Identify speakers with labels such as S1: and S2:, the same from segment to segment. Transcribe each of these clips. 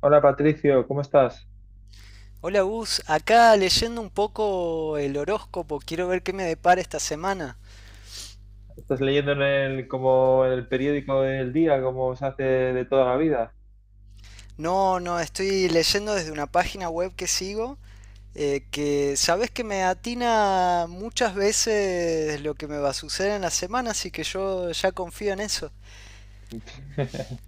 S1: Hola Patricio, ¿cómo estás?
S2: Hola Gus, acá leyendo un poco el horóscopo, quiero ver qué me depara esta semana.
S1: ¿Estás leyendo en como en el periódico del día, como se hace de toda la vida?
S2: No, no, estoy leyendo desde una página web que sigo, que sabes que me atina muchas veces lo que me va a suceder en la semana, así que yo ya confío en eso.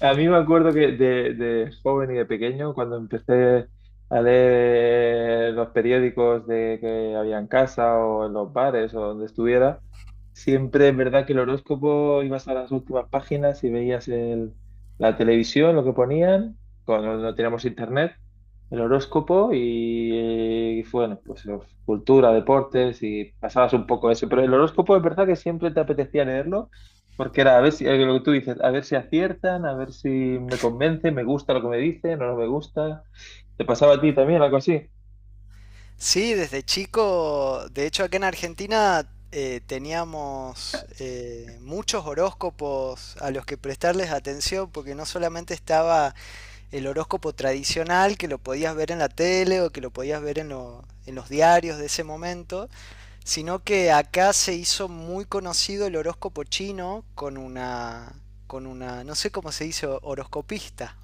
S1: A mí me acuerdo que de joven y de pequeño, cuando empecé a leer los periódicos de que había en casa o en los bares o donde estuviera, siempre es verdad que el horóscopo ibas a las últimas páginas y veías la televisión, lo que ponían, cuando no teníamos internet, el horóscopo y, bueno, pues cultura, deportes y pasabas un poco eso. Pero el horóscopo es verdad que siempre te apetecía leerlo porque era a ver si, lo que tú dices, a ver si aciertan, a ver si me convence, me gusta lo que me dicen o no me gusta. ¿Te pasaba a ti también algo así?
S2: Sí, desde chico, de hecho acá en Argentina teníamos muchos horóscopos a los que prestarles atención, porque no solamente estaba el horóscopo tradicional que lo podías ver en la tele o que lo podías ver en los diarios de ese momento, sino que acá se hizo muy conocido el horóscopo chino con una, no sé cómo se dice, horoscopista,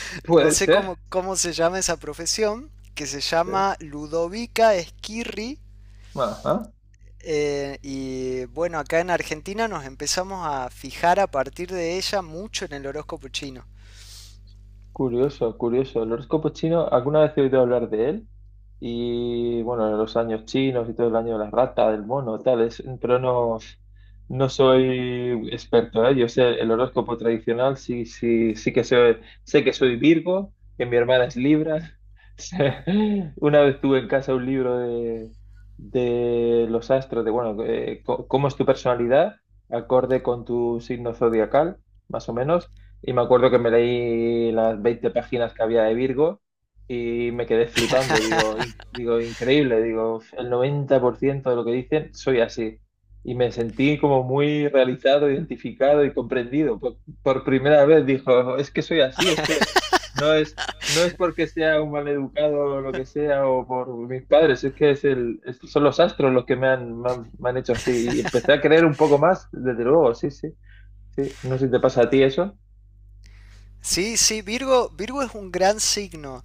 S2: no
S1: Puede
S2: sé
S1: ser.
S2: cómo, cómo se llama esa profesión, que se
S1: ¿Eh?
S2: llama Ludovica Esquirri.
S1: Ajá.
S2: Y bueno, acá en Argentina nos empezamos a fijar a partir de ella mucho en el horóscopo chino.
S1: Curioso, curioso. El horóscopo chino, alguna vez he oído hablar de él. Y bueno, los años chinos y todo el año de la rata, del mono, tal, pero no, no soy experto, ¿eh? Yo sé el horóscopo tradicional, sí, sí, sí que sé, sé que soy Virgo, que mi hermana es Libra. Sé- Una vez tuve en casa un libro de los astros, de bueno, cómo es tu personalidad, acorde con tu signo zodiacal, más o menos. Y me acuerdo que me leí las 20 páginas que había de Virgo y me quedé flipando. Digo, digo, increíble. Digo, el 90% de lo que dicen soy así. Y me sentí como muy realizado, identificado y comprendido. Por primera vez dijo, es que soy así, es que no es, no es porque sea un maleducado o lo que sea o por mis padres, es que es son los astros los que me han hecho así. Y empecé a creer un poco más, desde luego, sí, sí, sí. No sé si te pasa a ti eso.
S2: Sí, sí, Virgo, Virgo es un gran signo.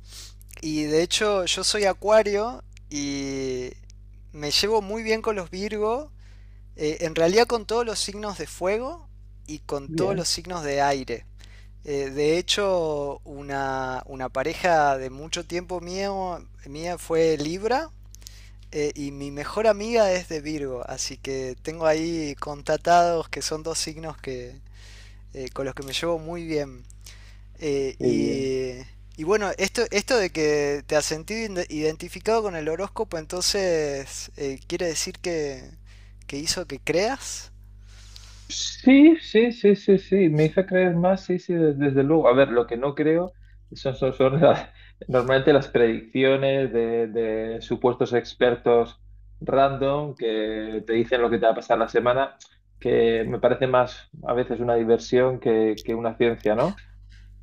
S2: Y de hecho, yo soy Acuario y me llevo muy bien con los Virgo, en realidad con todos los signos de fuego y con todos
S1: Bien.
S2: los signos de aire. De hecho, una pareja de mucho tiempo mía fue Libra, y mi mejor amiga es de Virgo, así que tengo ahí contatados que son dos signos que, con los que me llevo muy bien.
S1: Qué bien.
S2: Y bueno, esto de que te has sentido identificado con el horóscopo, entonces quiere decir que hizo que creas.
S1: Sí, sí, sí, sí, sí, me hizo creer más, sí, sí, desde luego. A ver, lo que no creo son normalmente las predicciones de supuestos expertos random que te dicen lo que te va a pasar la semana, que me parece más a veces una diversión que una ciencia, ¿no?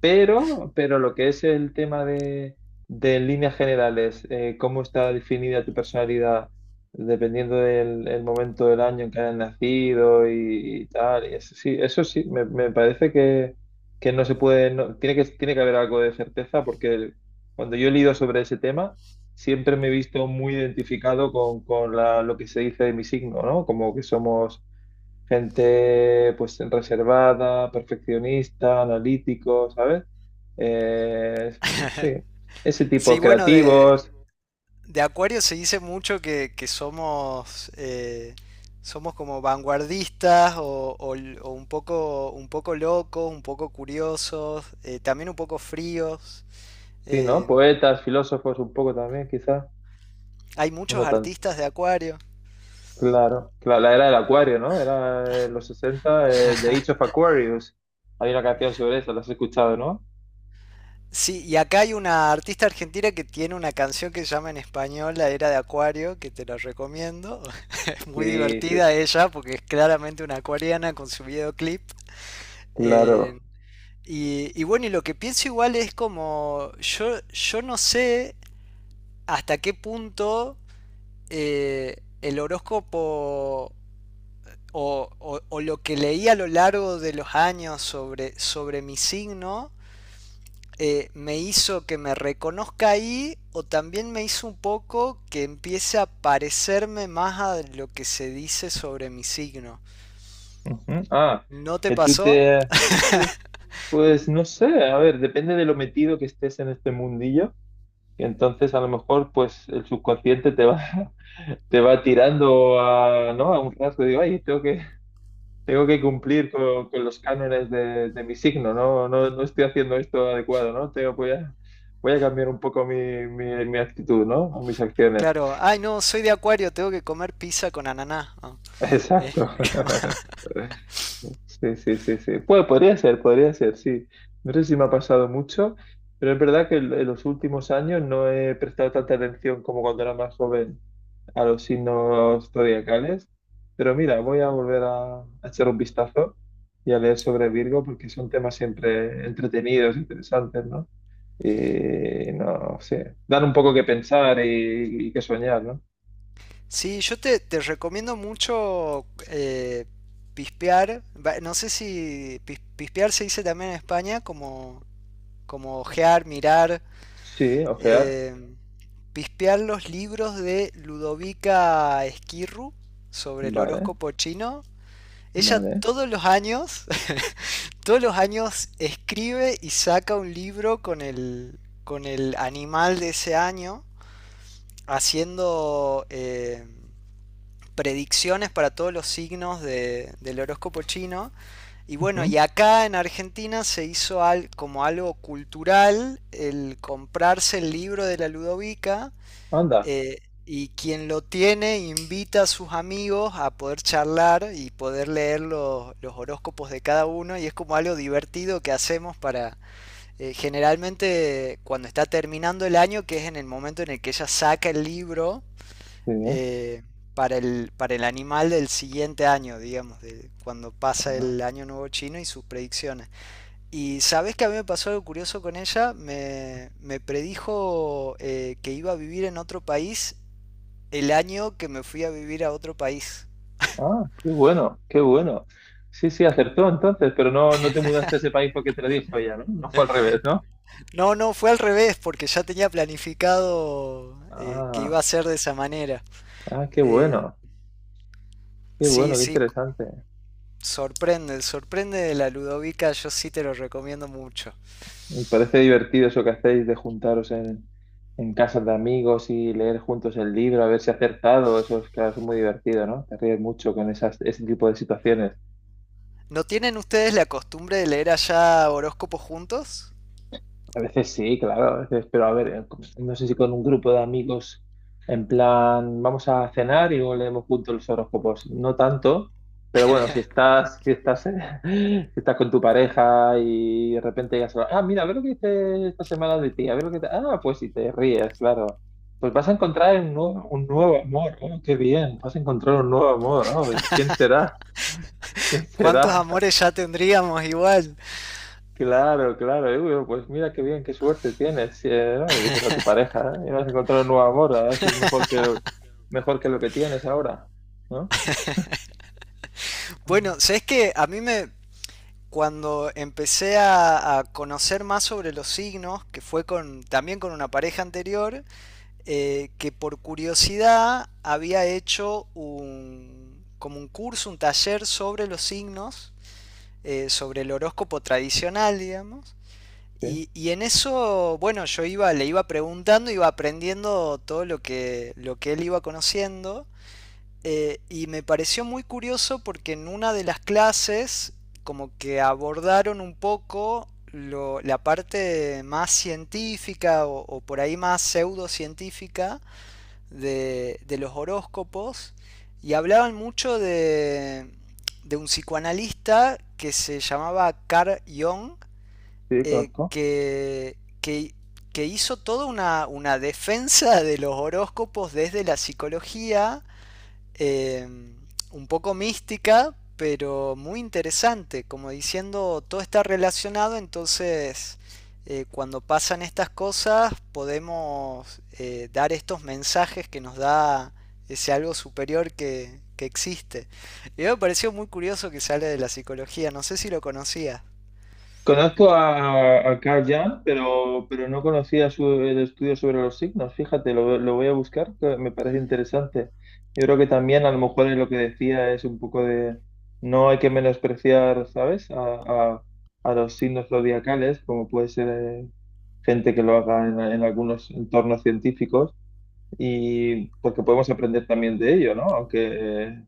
S1: Pero lo que es el tema de en líneas generales, cómo está definida tu personalidad dependiendo del el momento del año en que hayas nacido y tal, y eso sí, me parece que no se puede, tiene que haber algo de certeza porque cuando yo he leído sobre ese tema, siempre me he visto muy identificado con lo que se dice de mi signo, ¿no? Como que somos gente pues reservada, perfeccionista, analítico, ¿sabes? Eh, es- sí, ese tipo
S2: Sí,
S1: de
S2: bueno,
S1: creativos,
S2: de Acuario se dice mucho que somos, somos como vanguardistas o un poco locos, un poco curiosos, también un poco fríos.
S1: sí, ¿no?
S2: Eh,
S1: Poetas, filósofos un poco también, quizás.
S2: Hay
S1: Bueno,
S2: muchos
S1: tan
S2: artistas de Acuario.
S1: claro. La era del acuario, ¿no? Era los 60 The Age of Aquarius. Hay una canción sobre eso, la has escuchado, ¿no?
S2: Sí, y acá hay una artista argentina que tiene una canción que se llama en español La Era de Acuario, que te la recomiendo. Es muy
S1: Sí, sí,
S2: divertida ella porque es claramente una acuariana con su videoclip. Eh,
S1: claro.
S2: y bueno, y lo que pienso igual es como, yo no sé hasta qué punto eh, el horóscopo o lo que leí a lo largo de los años sobre mi signo, me hizo que me reconozca ahí o también me hizo un poco que empiece a parecerme más a lo que se dice sobre mi signo.
S1: Ujú. Ah,
S2: ¿No te
S1: que tú
S2: pasó?
S1: te... Pues, pues no sé, a ver, depende de lo metido que estés en este mundillo. Y entonces a lo mejor pues el subconsciente te va, te va tirando a, ¿no? A un rasgo, digo, ay, tengo que cumplir con los cánones de mi signo, ¿no? No, no estoy haciendo esto adecuado, ¿no? Tengo, voy a, voy a cambiar un poco mi, mi actitud, ¿no? O mis acciones.
S2: Claro, ay no, soy de Acuario, tengo que comer pizza con ananá. Ah, eh.
S1: Exacto. Sí, sí, sí, sí. Pues podría ser, sí. No sé si me ha pasado mucho, pero es verdad que en los últimos años no he prestado tanta atención como cuando era más joven a los signos zodiacales. Pero mira, voy a volver a echar un vistazo y a leer sobre Virgo porque son temas siempre entretenidos, interesantes, ¿no? Y no sé, dan un poco que pensar y que soñar, ¿no?
S2: Sí, te recomiendo mucho, pispear, va, no sé si pispear se dice también en España como, como ojear, mirar.
S1: Sí, ojear.
S2: Eh, Pispear los libros de Ludovica Esquirru sobre el
S1: Vale,
S2: horóscopo chino. Ella
S1: vale.
S2: todos los años, todos los años escribe y saca un libro con el animal de ese año, haciendo predicciones para todos los signos del horóscopo chino. Y bueno, y
S1: Ujú.
S2: acá en Argentina se hizo como algo cultural el comprarse el libro de la Ludovica,
S1: Anda.
S2: eh, y quien lo tiene invita a sus amigos a poder charlar y poder leer los horóscopos de cada uno, y es como algo divertido que hacemos para, generalmente cuando está terminando el año, que es en el momento en el que ella saca el libro
S1: Sí, ¿no?
S2: eh, para para el animal del siguiente año, digamos, de cuando pasa
S1: Ah,
S2: el año nuevo chino y sus predicciones. Y sabes que a mí me pasó algo curioso con ella, me predijo, que iba a vivir en otro país el año que me fui a vivir a otro país.
S1: ah, qué bueno, qué bueno. Sí, sí, acertó entonces, pero no, no te mudaste a ese país porque te lo dijo ella, ¿no? No fue al revés, ¿no?
S2: No, no, fue al revés, porque ya tenía planificado, que iba
S1: Ah,
S2: a ser de esa manera.
S1: ah, qué
S2: Eh,
S1: bueno, qué
S2: sí,
S1: bueno, qué
S2: sí,
S1: interesante.
S2: sorprende, sorprende de la Ludovica, yo sí te lo recomiendo mucho.
S1: Y parece divertido eso que hacéis de juntaros en casas de amigos y leer juntos el libro, a ver si acertado. Eso es, claro, es muy divertido, ¿no? Te ríes mucho con esas, ese tipo de situaciones.
S2: ¿No tienen ustedes la costumbre de leer allá horóscopos juntos?
S1: A veces sí, claro, a veces, pero a ver, pues, no sé si con un grupo de amigos, en plan, vamos a cenar y luego leemos juntos los horóscopos. No tanto, pero bueno, si estás, si estás con tu pareja y de repente ya se ah, mira, a ver lo que dice esta semana de ti, a ver lo que te... Ah, pues si te ríes, claro. Pues vas a encontrar un nuevo amor, oh, qué bien, vas a encontrar un nuevo amor, oh, ¿quién será? ¿Quién
S2: ¿Cuántos
S1: será?
S2: amores ya tendríamos igual?
S1: Claro, claro. Y, bueno, pues mira qué bien, qué suerte tienes. Sí, ¿no? Y dices a tu pareja, ¿eh? Y vas a encontrar un nuevo amor, a ver si es mejor que lo que tienes ahora, ¿no?
S2: Bueno,
S1: Ah,
S2: sabes que a mí me, cuando empecé a conocer más sobre los signos, que fue con también con una pareja anterior, que por curiosidad había hecho como un curso, un taller sobre los signos, sobre el horóscopo tradicional, digamos.
S1: sí,
S2: En eso, bueno, yo iba, le iba preguntando, iba aprendiendo todo lo que él iba conociendo. Y me pareció muy curioso porque en una de las clases como que abordaron un poco lo, la parte más científica o por ahí más pseudocientífica de los horóscopos y hablaban mucho de un psicoanalista que se llamaba Carl Jung,
S1: sí,
S2: eh,
S1: conozco.
S2: que, que, que hizo toda una defensa de los horóscopos desde la psicología, eh, un poco mística, pero muy interesante, como diciendo todo está relacionado, entonces, cuando pasan estas cosas podemos, dar estos mensajes que nos da ese algo superior que existe. Y me pareció muy curioso que sale de la psicología, no sé si lo conocías.
S1: Conozco a Carl Jung, pero no conocía el estudio sobre los signos. Fíjate, lo voy a buscar, que me parece interesante. Yo creo que también a lo mejor es lo que decía es un poco de no hay que menospreciar, ¿sabes? A- a los signos zodiacales, como puede ser gente que lo haga en algunos entornos científicos y porque podemos aprender también de ello, ¿no? Aunque,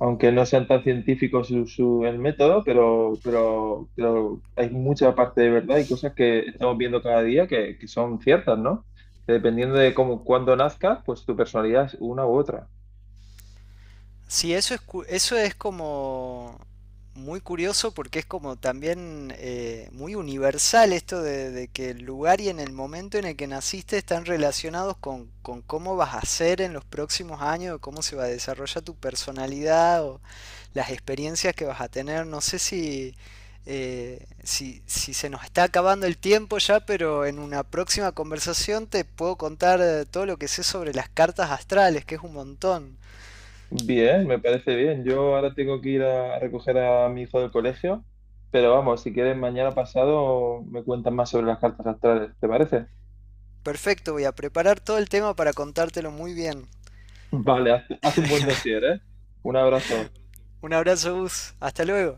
S1: aunque no sean tan científicos su, el método, pero hay mucha parte de verdad y cosas que estamos viendo cada día que son ciertas, ¿no? Que dependiendo de cómo, cuándo nazcas, pues tu personalidad es una u otra.
S2: Sí, eso es, eso es como muy curioso porque es como también, muy universal esto de que el lugar y en el momento en el que naciste están relacionados con cómo vas a ser en los próximos años, cómo se va a desarrollar tu personalidad o las experiencias que vas a tener. No sé si, si se nos está acabando el tiempo ya, pero en una próxima conversación te puedo contar, todo lo que sé sobre las cartas astrales, que es un montón.
S1: Bien, me parece bien. Yo ahora tengo que ir a recoger a mi hijo del colegio, pero vamos, si quieres mañana pasado me cuentas más sobre las cartas astrales, ¿te parece?
S2: Perfecto, voy a preparar todo el tema para contártelo muy bien.
S1: Vale, haz, haz un buen dossier, ¿eh? Un abrazo.
S2: Un abrazo, Gus. Hasta luego.